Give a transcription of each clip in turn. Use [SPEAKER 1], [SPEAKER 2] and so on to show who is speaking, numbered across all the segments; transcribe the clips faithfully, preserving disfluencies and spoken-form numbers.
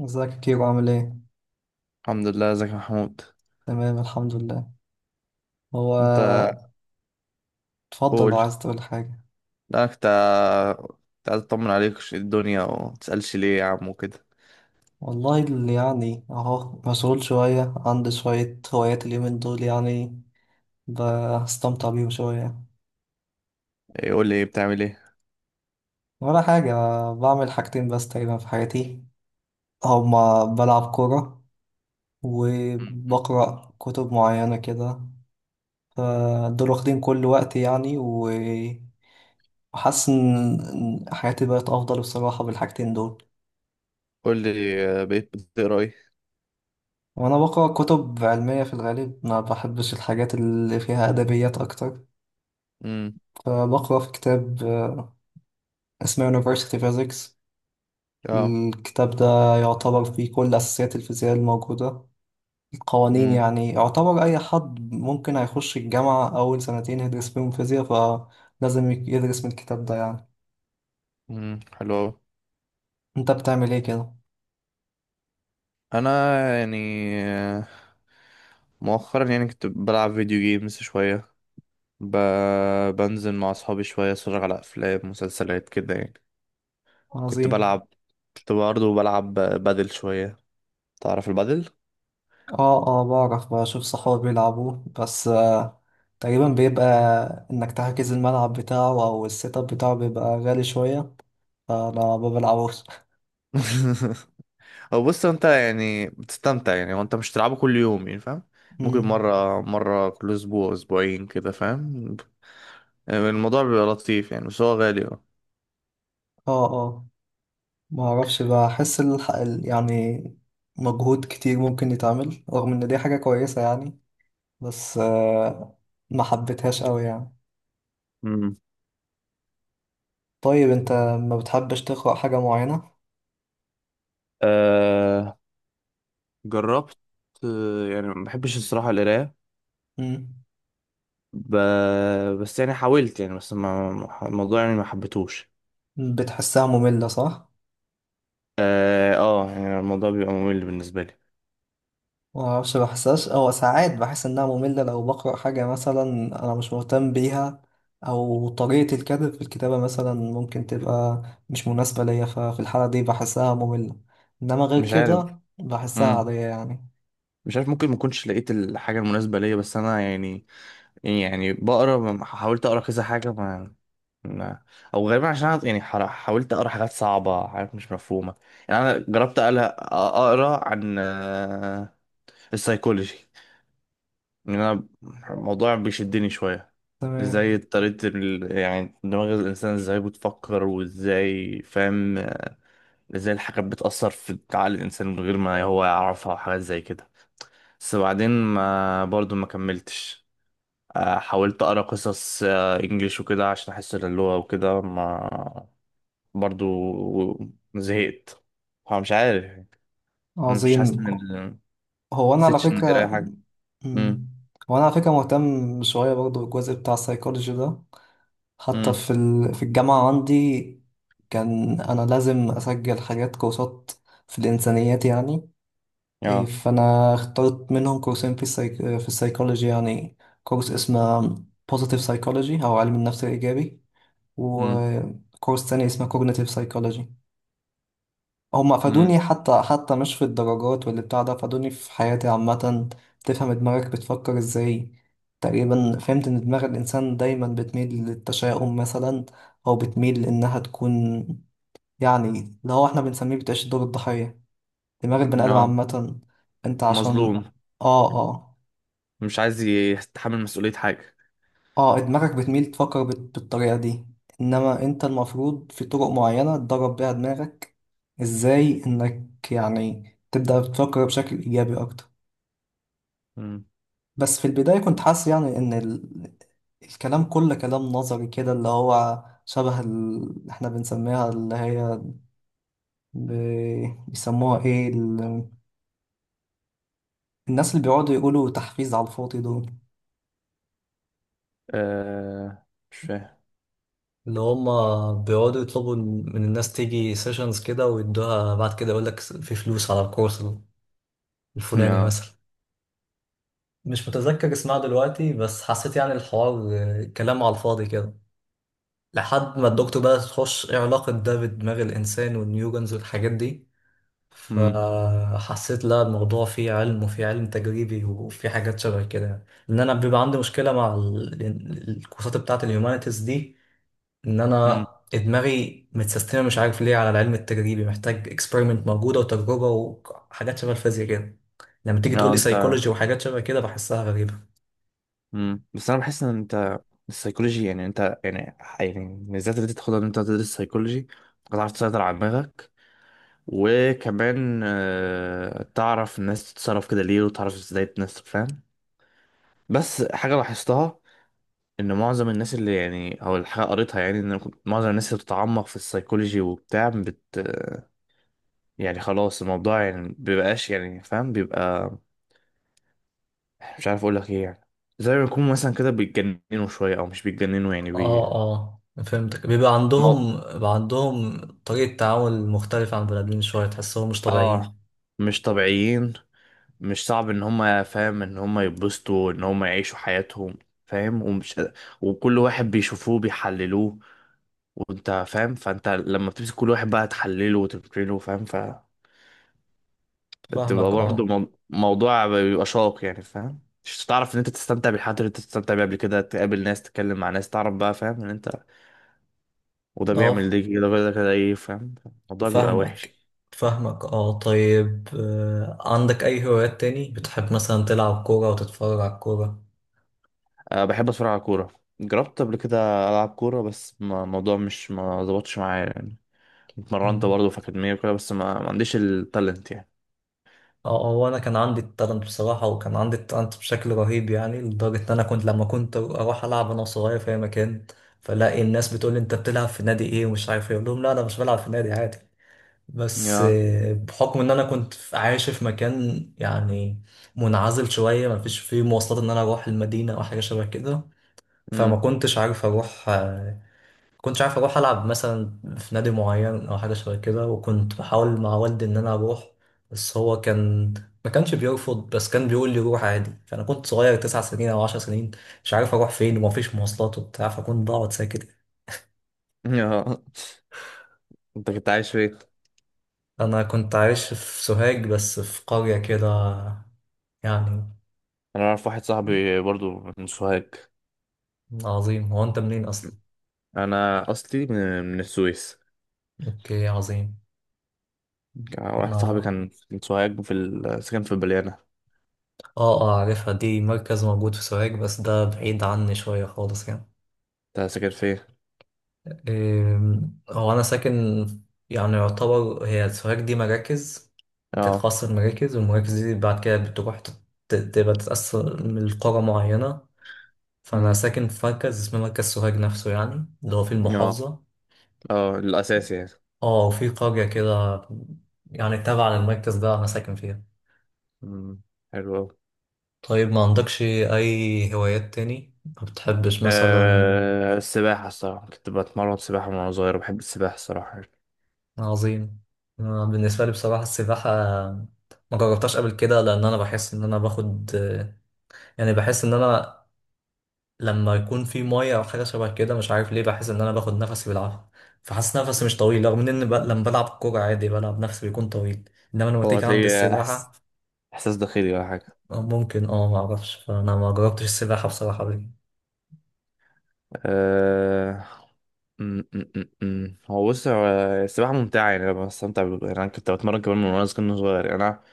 [SPEAKER 1] ازيك يا كيرو عامل ايه؟
[SPEAKER 2] الحمد لله، ازيك يا محمود.
[SPEAKER 1] تمام الحمد لله. هو
[SPEAKER 2] انت آه،
[SPEAKER 1] اتفضل لو
[SPEAKER 2] قول.
[SPEAKER 1] عايز تقول حاجة.
[SPEAKER 2] لا، كنت كنت عايز اطمن عليك وش الدنيا وما تسألش ليه يا عم وكده.
[SPEAKER 1] والله اللي يعني اهو مسؤول شوية، عندي شوية هوايات اليومين دول يعني، بستمتع بيهم شوية.
[SPEAKER 2] ايه، قول لي بتعمل ايه؟
[SPEAKER 1] ولا حاجة، بعمل حاجتين بس تقريبا في حياتي، هما بلعب كورة
[SPEAKER 2] مم.
[SPEAKER 1] وبقرأ كتب معينة كده. فدول واخدين كل وقتي يعني و- وحاسس ان إن حياتي بقت افضل بصراحة بالحاجتين دول.
[SPEAKER 2] قول لي آه، بقيت بتقرا ايه؟
[SPEAKER 1] وانا بقرا كتب علميه في الغالب، ما بحبش الحاجات اللي فيها ادبيات اكتر.
[SPEAKER 2] امم.
[SPEAKER 1] فبقرا في كتاب آه، اسمه University Physics.
[SPEAKER 2] اه.
[SPEAKER 1] الكتاب ده يعتبر فيه كل اساسيات الفيزياء الموجوده، القوانين
[SPEAKER 2] امم.
[SPEAKER 1] يعني. يعتبر اي حد ممكن هيخش الجامعه اول سنتين يدرس فيهم فيزياء، فلازم يدرس من الكتاب ده يعني.
[SPEAKER 2] امم، حلو أوي.
[SPEAKER 1] انت بتعمل ايه كده؟
[SPEAKER 2] انا يعني آه، مؤخرا يعني كنت بلعب فيديو جيمز شويه. ب... بنزل مع اصحابي شويه، اتفرج على افلام مسلسلات كده يعني. كنت
[SPEAKER 1] عظيم.
[SPEAKER 2] بلعب كنت برضه بلعب بدل شويه. تعرف البدل؟
[SPEAKER 1] اه اه بعرف، بشوف صحابي بيلعبوه بس آه، تقريبا بيبقى انك تحجز الملعب بتاعه او السيت اب بتاعه بيبقى غالي شوية، فانا ما بلعبوش.
[SPEAKER 2] هو بص، انت يعني بتستمتع يعني وانت مش تلعبه كل يوم يعني، فاهم؟ ممكن
[SPEAKER 1] مم.
[SPEAKER 2] مرة مرة كل اسبوع اسبوعين كده، فاهم؟ الموضوع بيبقى لطيف يعني بس هو غالي. اه.
[SPEAKER 1] اه اه، ما اعرفش، بحس الح... ال- يعني مجهود كتير ممكن يتعمل رغم ان دي حاجة كويسة يعني، بس آه ما حبيتهاش قوي يعني.
[SPEAKER 2] امم.
[SPEAKER 1] طيب انت ما بتحبش تقرأ حاجة معينة؟
[SPEAKER 2] أه، جربت. آه، يعني ما بحبش الصراحة القراية.
[SPEAKER 1] مم.
[SPEAKER 2] ب... بس يعني حاولت يعني، بس ما ما- الموضوع يعني ما حبيتهوش.
[SPEAKER 1] بتحسها مملة صح؟
[SPEAKER 2] اه، آه، يعني الموضوع بيبقى ممل بالنسبة لي.
[SPEAKER 1] ما اعرفش بحسهاش، او ساعات بحس انها مملة لو بقرأ حاجة مثلا انا مش مهتم بيها، او طريقة الكاتب في الكتابة مثلا ممكن تبقى مش مناسبة ليا، ففي الحالة دي بحسها مملة، انما غير
[SPEAKER 2] مش عارف.
[SPEAKER 1] كده بحسها
[SPEAKER 2] مم.
[SPEAKER 1] عادية يعني.
[SPEAKER 2] مش عارف، ممكن ما كنتش لقيت الحاجة المناسبة ليا، بس انا يعني يعني بقرا ما- حاولت اقرا كذا حاجه ما ما او غالبا عشان أنا يعني حر- حاولت اقرا حاجات صعبه حاجات مش مفهومه. يعني انا جربت أقل- اقرا عن آه، السيكولوجي. ان انا الموضوع بيشدني شويه.
[SPEAKER 1] تمام.
[SPEAKER 2] ازاي طريقه ال- يعني دماغ الانسان ازاي بتفكر وازاي، فاهم؟ ازاي الحاجات بتاثر في عقل الانسان من غير ما هو يعرفها وحاجات زي كده. بس بعدين ما برضو ما كملتش. آه، حاولت اقرا قصص آه، انجليش وكده عشان احس إن اللغه وكده ما. برضو زهقت. فمش عارف يعني. مش حاسس
[SPEAKER 1] عظيم.
[SPEAKER 2] ان ما
[SPEAKER 1] هو انا على
[SPEAKER 2] حسيتش ان قرايه
[SPEAKER 1] فكرة.
[SPEAKER 2] حاجه.
[SPEAKER 1] مم.
[SPEAKER 2] امم.
[SPEAKER 1] هو انا على فكرة مهتم شوية برضو بالجزء بتاع السايكولوجي ده. حتى
[SPEAKER 2] امم.
[SPEAKER 1] في ال... في الجامعة عندي كان انا لازم اسجل حاجات كورسات في الانسانيات يعني. إيه،
[SPEAKER 2] يا.
[SPEAKER 1] فأنا اخترت منهم كورسين في السايك... في السايكولوجي يعني. كورس اسمه Positive Psychology أو علم النفس الإيجابي،
[SPEAKER 2] امم.
[SPEAKER 1] وكورس تاني اسمه Cognitive Psychology. هما
[SPEAKER 2] امم.
[SPEAKER 1] فادوني، حتى حتى مش في الدرجات واللي بتاع ده، فادوني في حياتي عامة. تفهم دماغك بتفكر ازاي. تقريبا فهمت ان دماغ الإنسان دايما بتميل للتشاؤم مثلا، أو بتميل إنها تكون يعني اللي هو احنا بنسميه بتعيش دور الضحية، دماغ البني آدم
[SPEAKER 2] يا
[SPEAKER 1] عامة. انت عشان
[SPEAKER 2] مظلوم،
[SPEAKER 1] اه اه.
[SPEAKER 2] مش عايز يتحمل مسؤوليه حاجه.
[SPEAKER 1] اه دماغك بتميل تفكر بت- بالطريقة دي، انما انت المفروض في طرق معينة تدرب بيها دماغك، ازاي انك يعني تبدأ تفكر بشكل ايجابي اكتر.
[SPEAKER 2] امم،
[SPEAKER 1] بس في البداية كنت حاسس يعني ان ال... الكلام كله كلام نظري كده، اللي هو شبه ال... احنا بنسميها اللي هي ب... بيسموها ايه ال... الناس اللي بيقعدوا يقولوا تحفيز على الفاضي دول،
[SPEAKER 2] آه، مش فاهم.
[SPEAKER 1] اللي هما بيقعدوا يطلبوا من الناس تيجي سيشنز كده ويدوها، بعد كده يقولك في فلوس على الكورس الفلاني
[SPEAKER 2] يا.
[SPEAKER 1] مثلا. مش متذكر اسمها دلوقتي، بس حسيت يعني الحوار آه، كلام على الفاضي كده، لحد ما الدكتور بقى تخش ايه علاقة ده بدماغ الإنسان والنيورونز والحاجات دي.
[SPEAKER 2] امم.
[SPEAKER 1] فحسيت لا، الموضوع فيه علم وفيه علم تجريبي وفيه حاجات شبه كده يعني. لأن أنا بيبقى عندي مشكلة مع ال- الكورسات بتاعة الهيومانيتيز دي، ان
[SPEAKER 2] امم.
[SPEAKER 1] انا دماغي متسيستمه مش عارف ليه على العلم التجريبي، محتاج اكسبيرمنت موجوده وتجربه وحاجات شبه الفيزياء كده. لما تيجي تقول
[SPEAKER 2] يا
[SPEAKER 1] لي
[SPEAKER 2] انت.
[SPEAKER 1] سايكولوجي وحاجات شبه كده بحسها غريبه.
[SPEAKER 2] مم. بس انا بحس ان انت السيكولوجي يعني انت يعني يعني بالذات اللي انت تاخدها ان انت تدرس سيكولوجي، هتعرف تسيطر على دماغك وكمان آه، تعرف الناس تتصرف كده ليه، وتعرف ازاي الناس تفهم. بس حاجة لاحظتها، ان معظم الناس اللي يعني او الحاجة قريتها يعني، ان معظم الناس اللي بتتعمق في السيكولوجي وبتاع بت، يعني خلاص الموضوع يعني بيبقاش يعني فاهم بيبقى. مش عارف اقول لك ايه يعني. زي ما يكون مثلا كده بيتجننوا شوية، او مش بيتجننوا يعني
[SPEAKER 1] اه
[SPEAKER 2] بي.
[SPEAKER 1] اه فهمتك، بيبقى عندهم بيبقى عندهم طريقه تعامل مختلفه عن بني ادمين شويه، تحسهم مش
[SPEAKER 2] اه،
[SPEAKER 1] طبيعيين.
[SPEAKER 2] مش طبيعيين. مش صعب ان هم فاهم ان هم يتبسطوا ان هم يعيشوا حياتهم، فاهم؟ ومش. وكل واحد بيشوفوه بيحللوه. وانت فاهم، فانت لما بتمسك كل واحد بقى تحلله وتفكره، فاهم؟ فبتبقى
[SPEAKER 1] فاهمك
[SPEAKER 2] برضه
[SPEAKER 1] اه
[SPEAKER 2] مو- موضوع بيبقى شاق يعني، فاهم؟ مش تعرف ان انت تستمتع بالحاجات اللي انت بتستمتع بيها قبل كده، تقابل ناس تتكلم مع ناس تعرف بقى، فاهم ان انت. وده بيعمل
[SPEAKER 1] اه.
[SPEAKER 2] دي كده وده كده ايه، فاهم؟ الموضوع بيبقى وحش.
[SPEAKER 1] فاهمك فاهمك اه. طيب آه، عندك اي هوايات تاني؟ بتحب مثلا تلعب كوره وتتفرج على الكوره؟
[SPEAKER 2] أه، بحب اتفرج على كورة. جربت قبل كده ألعب كورة بس ما- الموضوع مش ما ظبطش معايا يعني. اتمرنت
[SPEAKER 1] مم.
[SPEAKER 2] برضه في أكاديمية وكده بس ما, ما عنديش التالنت يعني.
[SPEAKER 1] اه هو انا كان عندي التالنت بصراحه، وكان عندي التالنت بشكل رهيب يعني، لدرجه ان انا كنت لما كنت اروح العب انا صغير في اي مكان، فلاقي الناس بتقول لي انت بتلعب في نادي ايه ومش عارف ايه، اقول لهم لا انا مش بلعب في نادي عادي. بس
[SPEAKER 2] يا.
[SPEAKER 1] آه، بحكم ان انا كنت في- عايش في مكان يعني منعزل شويه، ما فيش فيه مواصلات ان انا اروح المدينه او حاجه شبه كده، فما
[SPEAKER 2] مم.
[SPEAKER 1] كنتش عارف اروح. كنتش عارف اروح العب مثلا في نادي معين او حاجه شبه كده، وكنت بحاول مع والدي ان انا اروح، بس هو كان ما كانش بيرفض، بس كان بيقول لي روح عادي. فانا كنت صغير تسع سنين او عشر سنين، مش عارف اروح فين ومفيش مواصلات وبتاع، فكنت بقعد ساكت.
[SPEAKER 2] يا. انت كنت عايش فين؟
[SPEAKER 1] انا كنت عايش في سوهاج بس في قريه كده يعني.
[SPEAKER 2] أنا أعرف واحد صاحبي برضه من سوهاج.
[SPEAKER 1] عظيم، هو انت منين اصلا؟
[SPEAKER 2] أنا أصلي من, من السويس.
[SPEAKER 1] اوكي عظيم.
[SPEAKER 2] واحد صاحبي
[SPEAKER 1] انا
[SPEAKER 2] كان من سوهاج في ال... سكن في البليانة.
[SPEAKER 1] اه اه عارفها دي، مركز موجود في سوهاج، بس ده بعيد عني شويه خالص يعني.
[SPEAKER 2] انت ساكن فين؟
[SPEAKER 1] أم، هو أنا ساكن، يعني يعتبر هي سوهاج دي مراكز،
[SPEAKER 2] اه.
[SPEAKER 1] بتتخصص المراكز، والمراكز دي بعد كده بتروح تت- تبقى تتقسم لقرى معينة. فأنا
[SPEAKER 2] مم.
[SPEAKER 1] ساكن في مركز اسمه مركز سوهاج نفسه، يعني اللي هو في
[SPEAKER 2] اه،
[SPEAKER 1] المحافظة.
[SPEAKER 2] اه الأساسي يعني.
[SPEAKER 1] اه وفي قرية كده يعني تابعة للمركز ده أنا ساكن فيها.
[SPEAKER 2] مم. حلو أوي.
[SPEAKER 1] طيب ما عندكش أي هوايات تاني ما بتحبش مثلا؟
[SPEAKER 2] أه السباحة الصراحة، كنت بتمرن سباحة من وأنا صغير. بحب السباحة الصراحة.
[SPEAKER 1] عظيم. أنا بالنسبة لي بصراحة السباحة ما جربتهاش قبل كده، لأن أنا بحس إن أنا باخد يعني، بحس إن أنا لما يكون في مية أو حاجة شبه كده مش عارف ليه بحس إن أنا باخد نفسي بالعافية، فحاسس نفسي مش طويل، رغم إن ب... لما بلعب كورة عادي بلعب نفسي بيكون طويل، إنما لما
[SPEAKER 2] هو
[SPEAKER 1] تيجي عند
[SPEAKER 2] هتلاقي أحس...
[SPEAKER 1] السباحة،
[SPEAKER 2] إحساس داخلي ولا حاجة؟
[SPEAKER 1] آه، ممكن أه معرفش، فأنا ما جربتش السباحة بصراحة قبل كده.
[SPEAKER 2] أه... م- م- م- م. هو بص، هو السباحة ممتعة يعني، أنا بستمتع ب- يعني أنا كنت بتمرن كمان من وأنا صغير صغير يعني أنا.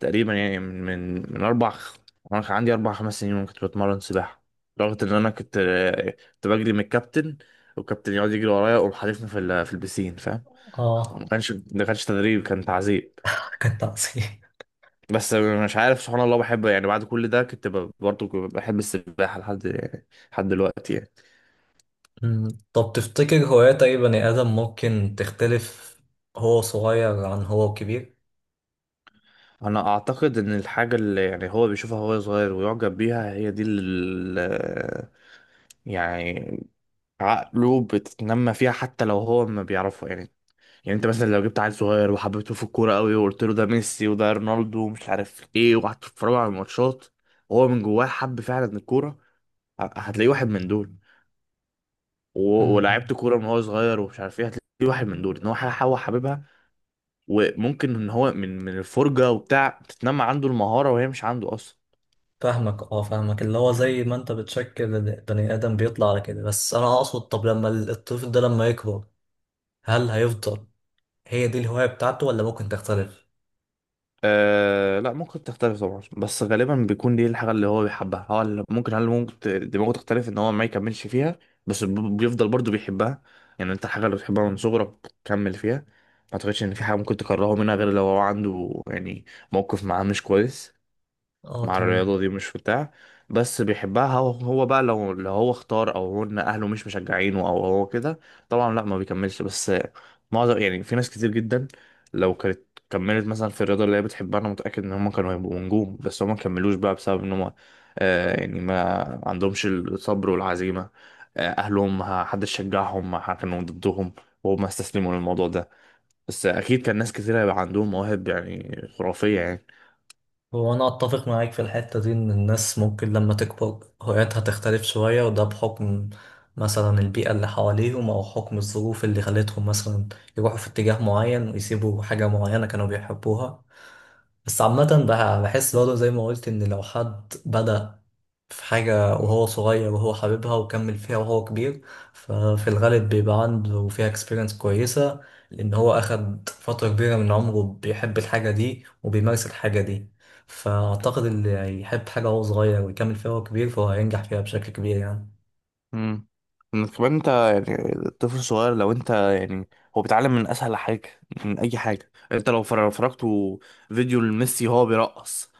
[SPEAKER 2] تقريبا يعني من من من أربع خ- وأنا كان عندي أربع خمس سنين وأنا كنت بتمرن سباحة. لدرجة إن أنا كنت كنت بجري من الكابتن. والكابتن يقعد يجري ورايا ويقوم حادفني في ال... في البسين، فاهم؟
[SPEAKER 1] أه
[SPEAKER 2] ما كانش ما كانش تدريب كان تعذيب.
[SPEAKER 1] كانت عظيم.
[SPEAKER 2] بس مش عارف، سبحان الله بحب يعني، بعد كل ده كنت ب- برضه بحب السباحة لحد يعني، لحد دلوقتي يعني.
[SPEAKER 1] أمم، طب تفتكر هوايات أي بني آدم ممكن تختلف، هو صغير عن هو كبير؟
[SPEAKER 2] أنا أعتقد إن الحاجة اللي يعني هو بيشوفها وهو صغير ويعجب بيها هي دي اللي يعني عقله بتتنمى فيها حتى لو هو ما بيعرفها يعني. يعني أنت مثلا لو جبت عيل صغير وحببته في الكورة قوي وقلت له ده ميسي وده رونالدو ومش عارف إيه وقعدت تتفرجوا على الماتشات، وهو من جواه حب فعلا الكورة، ه- هتلاقيه واحد من دول. و- ولعبت كوره من هو صغير ومش عارف ايه، هتلاقي واحد من دول، ان هو ح- هو حاببها. وممكن ان هو من من الفرجه وبتاع تتنمى عنده المهاره وهي مش عنده اصلا.
[SPEAKER 1] فاهمك اه. فاهمك، اللي هو زي ما انت بتشكل البني ادم بيطلع على كده، بس انا اقصد طب لما الطفل ده لما يكبر، هل هيفضل هي دي الهواية بتاعته ولا ممكن تختلف؟
[SPEAKER 2] آه لا، ممكن تختلف طبعا، بس غالبا بيكون دي الحاجه اللي هو بيحبها، هو اللي ممكن هل ممكن ت- دماغه تختلف ان هو ما يكملش فيها. بس ب- بيفضل برضو بيحبها. يعني انت الحاجه اللي بتحبها من صغرك كمل فيها. ما اعتقدش ان في حاجه ممكن تكرهه منها غير لو هو عنده يعني موقف معاه مش كويس.
[SPEAKER 1] اه
[SPEAKER 2] مع الرياضة
[SPEAKER 1] تمام.
[SPEAKER 2] دي مش في بتاع. بس بيحبها هو هو بقى لو لو هو اختار او هن اهله مش مشجعينه او هو كده، طبعا لا ما بيكملش. بس معظم يعني في ناس كتير جدا، لو كانت كملت مثلا في الرياضة اللي هي بتحبها، انا متأكد ان هم كانوا هيبقوا نجوم، بس هم ما كملوش بقى بسبب ان هم، آه يعني ما عندهمش الصبر والعزيمة. آه اهلهم ما حدش شجعهم، ما حد- كانوا ضدهم، وهم استسلموا للموضوع ده. بس اكيد كان ناس كتير هيبقى عندهم مواهب يعني خرافية يعني.
[SPEAKER 1] هو أنا أتفق معاك في الحتة دي، إن الناس ممكن لما تكبر هواياتها تختلف شوية، وده بحكم مثلا البيئة اللي حواليهم أو حكم الظروف اللي خلتهم مثلا يروحوا في اتجاه معين ويسيبوا حاجة معينة كانوا بيحبوها. بس عامة بح- بحس برضه زي ما قلت إن لو حد بدأ في حاجة وهو صغير وهو حاببها وكمل فيها وهو كبير، ففي الغالب بيبقى عنده فيها اكسبيرينس كويسة، لأن هو أخد فترة كبيرة من عمره بيحب الحاجة دي وبيمارس الحاجة دي. فأعتقد اللي يحب حاجة وهو صغير ويكمل فيها وهو كبير فهو هينجح فيها بشكل كبير يعني.
[SPEAKER 2] امم. انك كمان انت يعني الطفل الصغير لو انت يعني، هو بيتعلم من اسهل حاجه، من اي حاجه. انت لو فر- فرجته فيديو لميسي هو بيرقص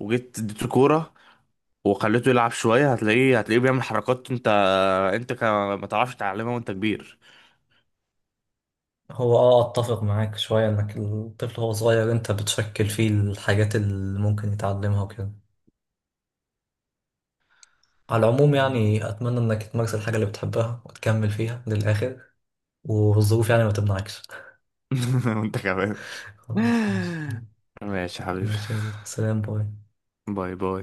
[SPEAKER 2] وجيت اديته كوره وخليته يلعب شويه، هتلاقيه هتلاقيه بيعمل حركات انت انت كا- ما تعرفش تعلمها وانت كبير.
[SPEAKER 1] هو اه اتفق معاك شوية، انك الطفل وهو صغير انت بتشكل فيه الحاجات اللي ممكن يتعلمها وكده. على العموم يعني، اتمنى انك تمارس الحاجة اللي بتحبها وتكمل فيها للآخر، والظروف يعني ما تمنعكش.
[SPEAKER 2] وانت كمان.
[SPEAKER 1] خلاص ماشي.
[SPEAKER 2] ماشي يا حبيبي.
[SPEAKER 1] ماشي، يلا سلام باي.
[SPEAKER 2] باي باي.